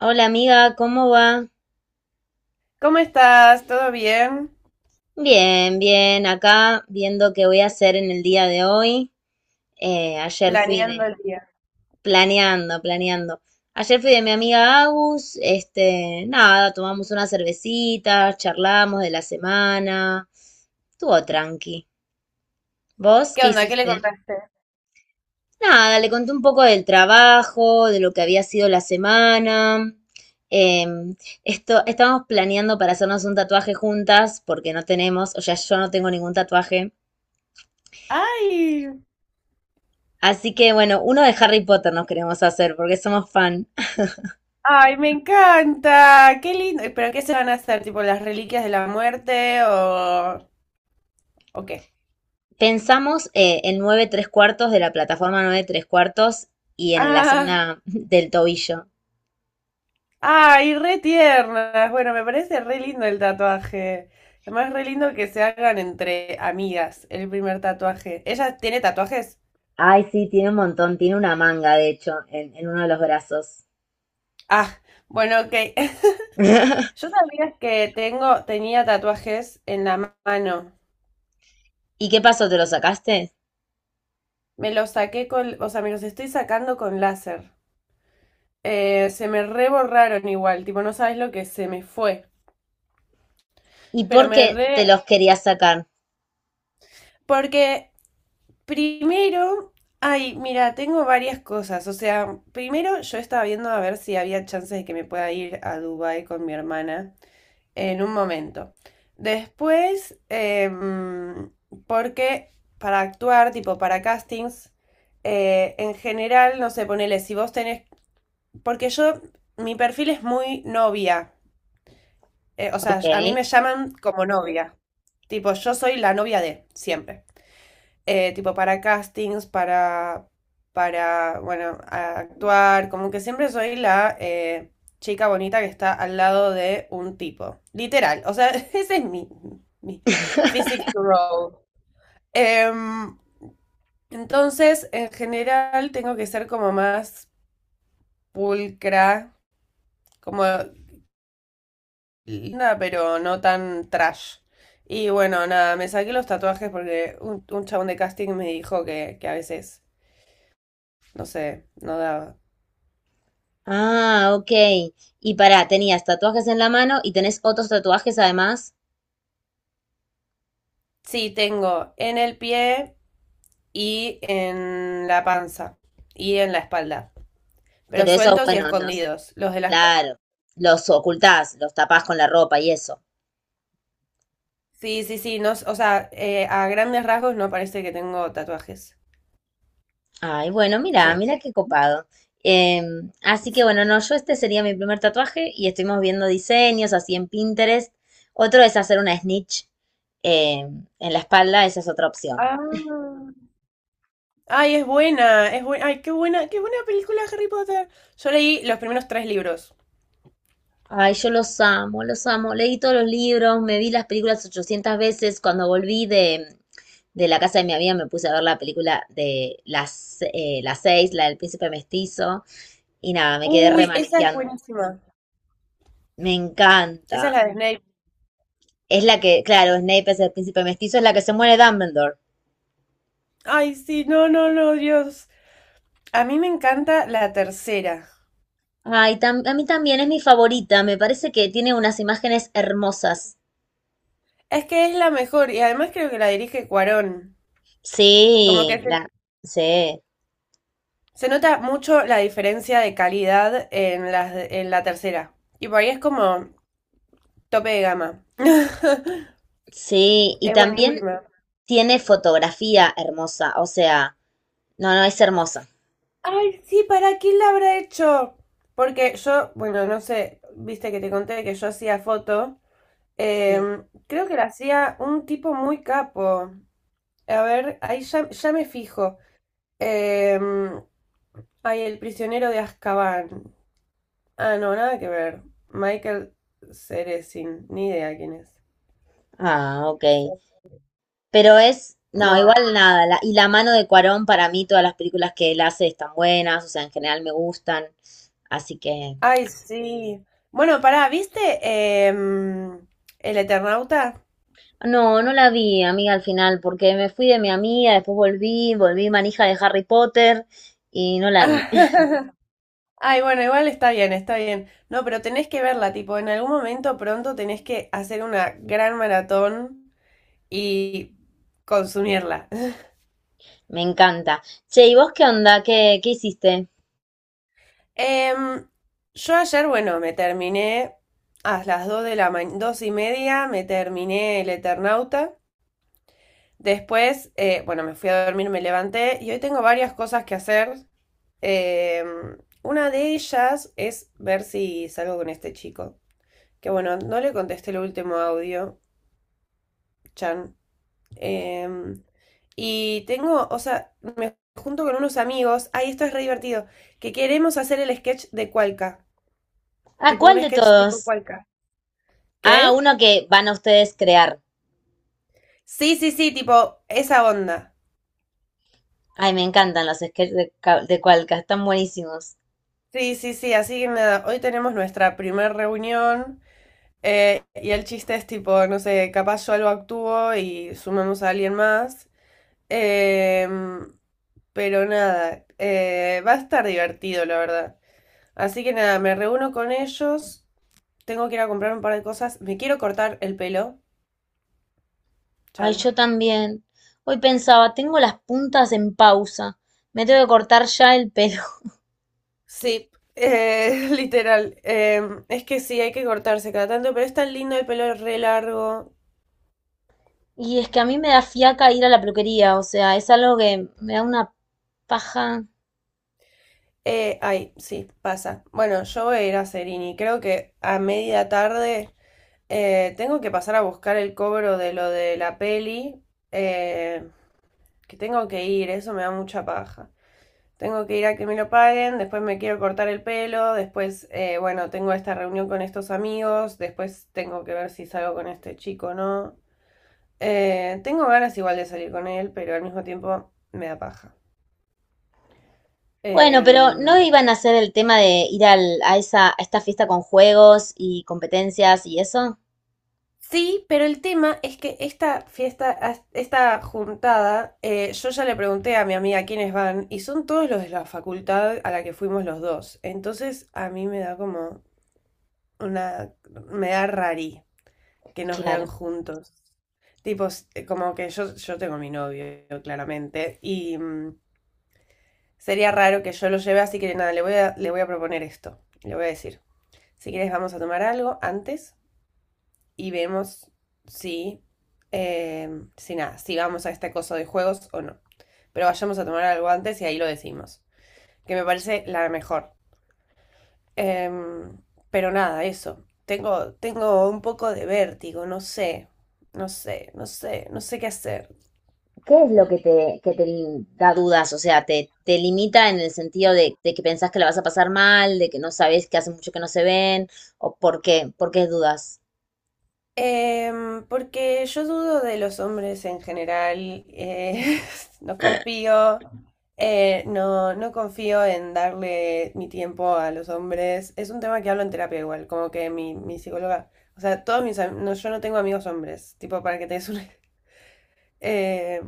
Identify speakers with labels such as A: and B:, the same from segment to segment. A: Hola amiga, ¿cómo va?
B: ¿Cómo estás? ¿Todo bien?
A: Bien, bien, acá viendo qué voy a hacer en el día de hoy. Eh, ayer fui
B: Planeando
A: de,
B: el día.
A: Planeando, planeando. Ayer fui de mi amiga Agus, este, nada, tomamos unas cervecitas, charlamos de la semana. Estuvo tranqui. ¿Vos
B: ¿Qué
A: qué
B: onda? ¿Qué le
A: hiciste?
B: contaste?
A: Nada, le conté un poco del trabajo, de lo que había sido la semana. Em, Esto, estamos planeando para hacernos un tatuaje juntas, porque no tenemos, o sea, yo no tengo ningún tatuaje.
B: ¡Ay!
A: Así que bueno, uno de Harry Potter nos queremos hacer, porque somos fan.
B: ¡Ay, me encanta! ¡Qué lindo! ¿Y ¿Pero qué se van a hacer? ¿Tipo las reliquias de la muerte o qué?
A: Pensamos en 9¾ de la plataforma 9¾ y en la
B: ¡Ah!
A: zona del tobillo.
B: ¡Ay, re tiernas! Bueno, me parece re lindo el tatuaje. Además, re lindo que se hagan entre amigas el primer tatuaje. ¿Ella tiene tatuajes?
A: Ay, sí, tiene un montón, tiene una manga, de hecho, en uno de los brazos.
B: Ah, bueno, ok. Yo sabía que tenía tatuajes en la mano.
A: ¿Y qué pasó? ¿Te lo sacaste?
B: Me los saqué con, o sea, me los estoy sacando con láser. Se me reborraron igual, tipo, no sabes lo que se me fue.
A: ¿Y
B: Pero
A: por
B: me
A: qué te
B: re...
A: los querías sacar?
B: Porque primero, ay, mira, tengo varias cosas. O sea, primero yo estaba viendo a ver si había chances de que me pueda ir a Dubai con mi hermana en un momento. Después, porque para actuar, tipo, para castings, en general, no sé, ponele, si vos tenés. Porque yo, mi perfil es muy novia. O sea, a mí
A: Ok.
B: me llaman como novia. Tipo, yo soy la novia de, siempre. Tipo, para castings, para, bueno, actuar. Como que siempre soy la chica bonita que está al lado de un tipo. Literal. O sea, ese es mi, mi physique to roll. Em, entonces, en general, tengo que ser como más pulcra, como linda, pero no tan trash. Y bueno, nada, me saqué los tatuajes porque un chabón de casting me dijo que a veces, no sé, no daba.
A: Ah, ok. Y pará, tenías tatuajes en la mano y tenés otros tatuajes además,
B: Sí, tengo en el pie y en la panza y en la espalda, pero
A: pero esos,
B: sueltos y
A: bueno,
B: escondidos. Los de las manos,
A: claro, los ocultás, los tapás con la ropa y eso.
B: sí, sí, sí, no, o sea, a grandes rasgos no parece que tengo tatuajes.
A: Ay, bueno, mira,
B: Sí.
A: mira qué copado. Así que
B: Sí.
A: bueno, no, yo este sería mi primer tatuaje y estuvimos viendo diseños así en Pinterest. Otro es hacer una snitch en la espalda, esa es otra opción.
B: Ah. Ay, es buena, es buena. Ay, qué buena película Harry Potter. Yo leí los primeros tres libros.
A: Ay, yo los amo, los amo. Leí todos los libros, me vi las películas 800 veces. Cuando volví de la casa de mi amiga me puse a ver la película de las seis, la del príncipe mestizo. Y nada, me quedé
B: Uy, esa es
A: remanejando.
B: buenísima.
A: Me encanta.
B: Esa es la de Snape.
A: Es la que, claro, Snape es el príncipe mestizo, es la que se muere Dumbledore.
B: Ay, sí, no, no, no, Dios. A mí me encanta la tercera.
A: Ay, tam- a mí también es mi favorita. Me parece que tiene unas imágenes hermosas.
B: Es que es la mejor y además creo que la dirige Cuarón.
A: Sí,
B: Como que se,
A: sí,
B: se nota mucho la diferencia de calidad en las en la tercera. Y por ahí es como tope de gama.
A: sí. Y
B: Es
A: también
B: buenísima.
A: tiene fotografía hermosa. O sea. No, no, es hermosa.
B: Ay, sí, ¿para quién la habrá hecho? Porque yo, bueno, no sé, viste que te conté que yo hacía foto.
A: Sí.
B: Creo que la hacía un tipo muy capo. A ver, ahí ya me fijo. Eh, ay, El prisionero de Azkaban. Ah, no, nada que ver. Michael Ceresin, ni idea quién es.
A: Ah, ok.
B: Sí.
A: Pero es, no,
B: No.
A: igual nada. Y la mano de Cuarón, para mí, todas las películas que él hace están buenas, o sea, en general me gustan. Así que,
B: Ay, sí. Bueno, pará, ¿viste em, El Eternauta?
A: no, no la vi, amiga, al final, porque me fui de mi amiga, después volví manija de Harry Potter y no la vi.
B: Ay, bueno, igual está bien, está bien. No, pero tenés que verla, tipo, en algún momento pronto tenés que hacer una gran maratón y consumirla.
A: Me encanta. Che, ¿y vos qué onda? ¿Qué hiciste?
B: Em, yo ayer, bueno, me terminé a las 2 de la mañana, 2 y media, me terminé el Eternauta. Después, bueno, me fui a dormir, me levanté y hoy tengo varias cosas que hacer. Em, una de ellas es ver si salgo con este chico. Que bueno, no le contesté el último audio. Chan. Em, y tengo, o sea, me junto con unos amigos. Ay, esto es re divertido. Que queremos hacer el sketch de Cualca.
A: Ah,
B: Tipo,
A: ¿cuál
B: un
A: de
B: sketch tipo
A: todos?
B: Cualca.
A: Ah,
B: ¿Qué?
A: uno que van a ustedes crear.
B: Sí, sí, sí, tipo, esa onda.
A: Ay, me encantan los sketches de Cualca, están buenísimos.
B: Sí, sí, sí, así que nada, hoy tenemos nuestra primer reunión, y el chiste es tipo, no sé, capaz yo algo actúo y sumamos a alguien más. Em, pero nada, va a estar divertido, la verdad. Así que nada, me reúno con ellos, tengo que ir a comprar un par de cosas, me quiero cortar el pelo.
A: Ay,
B: Chan.
A: yo también. Hoy pensaba, tengo las puntas en pausa. Me tengo que cortar ya el pelo.
B: Sí, literal, es que sí, hay que cortarse cada tanto, pero es tan lindo el pelo re largo.
A: Y es que a mí me da fiaca ir a la peluquería, o sea, es algo que me da una paja.
B: Ay, sí, pasa. Bueno, yo voy a ir a Serini. Creo que a media tarde tengo que pasar a buscar el cobro de lo de la peli. eh, que tengo que ir, eso me da mucha paja. Tengo que ir a que me lo paguen, después me quiero cortar el pelo, después, bueno, tengo esta reunión con estos amigos, después tengo que ver si salgo con este chico o no. Tengo ganas igual de salir con él, pero al mismo tiempo me da paja.
A: Bueno, pero ¿no
B: Em,
A: iban a hacer el tema de ir a esta fiesta con juegos y competencias y eso?
B: Sí, pero el tema es que esta fiesta, esta juntada, yo ya le pregunté a mi amiga quiénes van y son todos los de la facultad a la que fuimos los dos. Entonces a mí me da como una, me da rari que nos vean
A: Claro.
B: juntos. Tipo, como que yo tengo mi novio, claramente, y mm, sería raro que yo lo lleve, así que nada, le voy a proponer esto. Le voy a decir, si quieres vamos a tomar algo antes, y vemos si, si nada, si vamos a este coso de juegos o no. Pero vayamos a tomar algo antes y ahí lo decimos, que me parece la mejor. Em, pero nada, eso. Tengo un poco de vértigo, no sé, no sé qué hacer.
A: ¿Qué es lo que te da dudas? O sea, te limita en el sentido de que pensás que la vas a pasar mal, de que no sabes que hace mucho que no se ven, o por qué dudas.
B: Porque yo dudo de los hombres en general, no confío, no, no confío en darle mi tiempo a los hombres. Es un tema que hablo en terapia igual, como que mi psicóloga, o sea, todos mis am- no, yo no tengo amigos hombres, tipo para que te des una... Eh,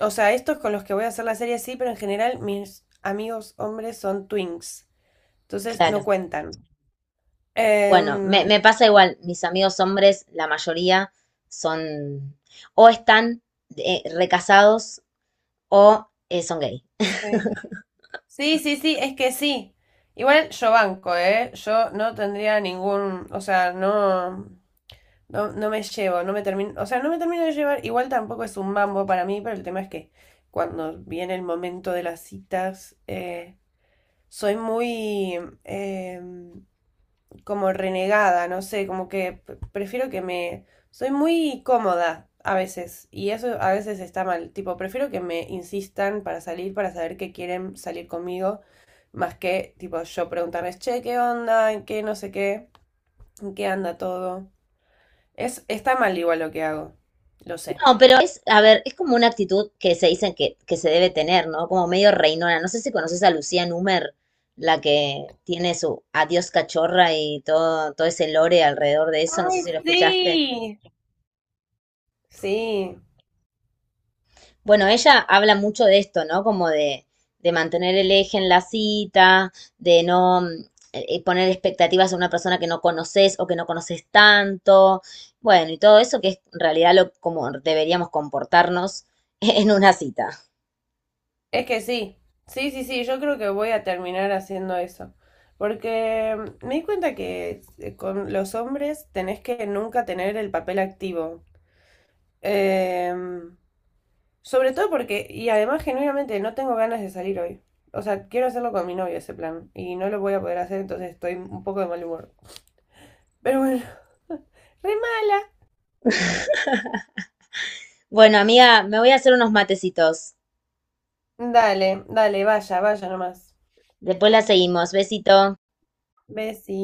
B: o sea, estos con los que voy a hacer la serie sí, pero en general mis amigos hombres son twins, entonces
A: Claro.
B: no cuentan.
A: Bueno, me,
B: Em.
A: me pasa igual, mis amigos hombres, la mayoría son o están recasados o son gay.
B: Sí. Sí, sí, sí, es que sí. Igual yo banco, ¿eh? Yo no tendría ningún, o sea, no, no, no me llevo, no me termino, o sea, no me termino de llevar, igual tampoco es un mambo para mí, pero el tema es que cuando viene el momento de las citas, soy muy, em, como renegada, no sé, como que prefiero que me... Soy muy cómoda a veces y eso a veces está mal, tipo, prefiero que me insistan para salir, para saber que quieren salir conmigo, más que tipo yo preguntarles, che, ¿qué onda? ¿En qué no sé qué? ¿En qué anda todo? Es, está mal igual lo que hago, lo sé.
A: No, pero es, a ver, es como una actitud que se dicen que se debe tener, ¿no? Como medio reinona. No sé si conoces a Lucía Númer, la que tiene su adiós cachorra y todo, todo ese lore alrededor de eso, no sé
B: Ay,
A: si lo escuchaste.
B: sí. Sí.
A: Bueno, ella habla mucho de esto, ¿no? Como de mantener el eje en la cita, de no poner expectativas a una persona que no conoces o que no conoces tanto. Bueno, y todo eso que es en realidad lo como deberíamos comportarnos en una cita.
B: Es que sí, sí, yo creo que voy a terminar haciendo eso. Porque mm, me di cuenta que con los hombres tenés que nunca tener el papel activo. Em, Sobre todo porque, y además genuinamente no tengo ganas de salir hoy. O sea, quiero hacerlo con mi novio ese plan. Y no lo voy a poder hacer, entonces estoy un poco de mal humor. Pero bueno, re mala.
A: Bueno, amiga, me voy a hacer unos matecitos.
B: Dale, dale, vaya, vaya nomás.
A: Después la seguimos. Besito.
B: Besí.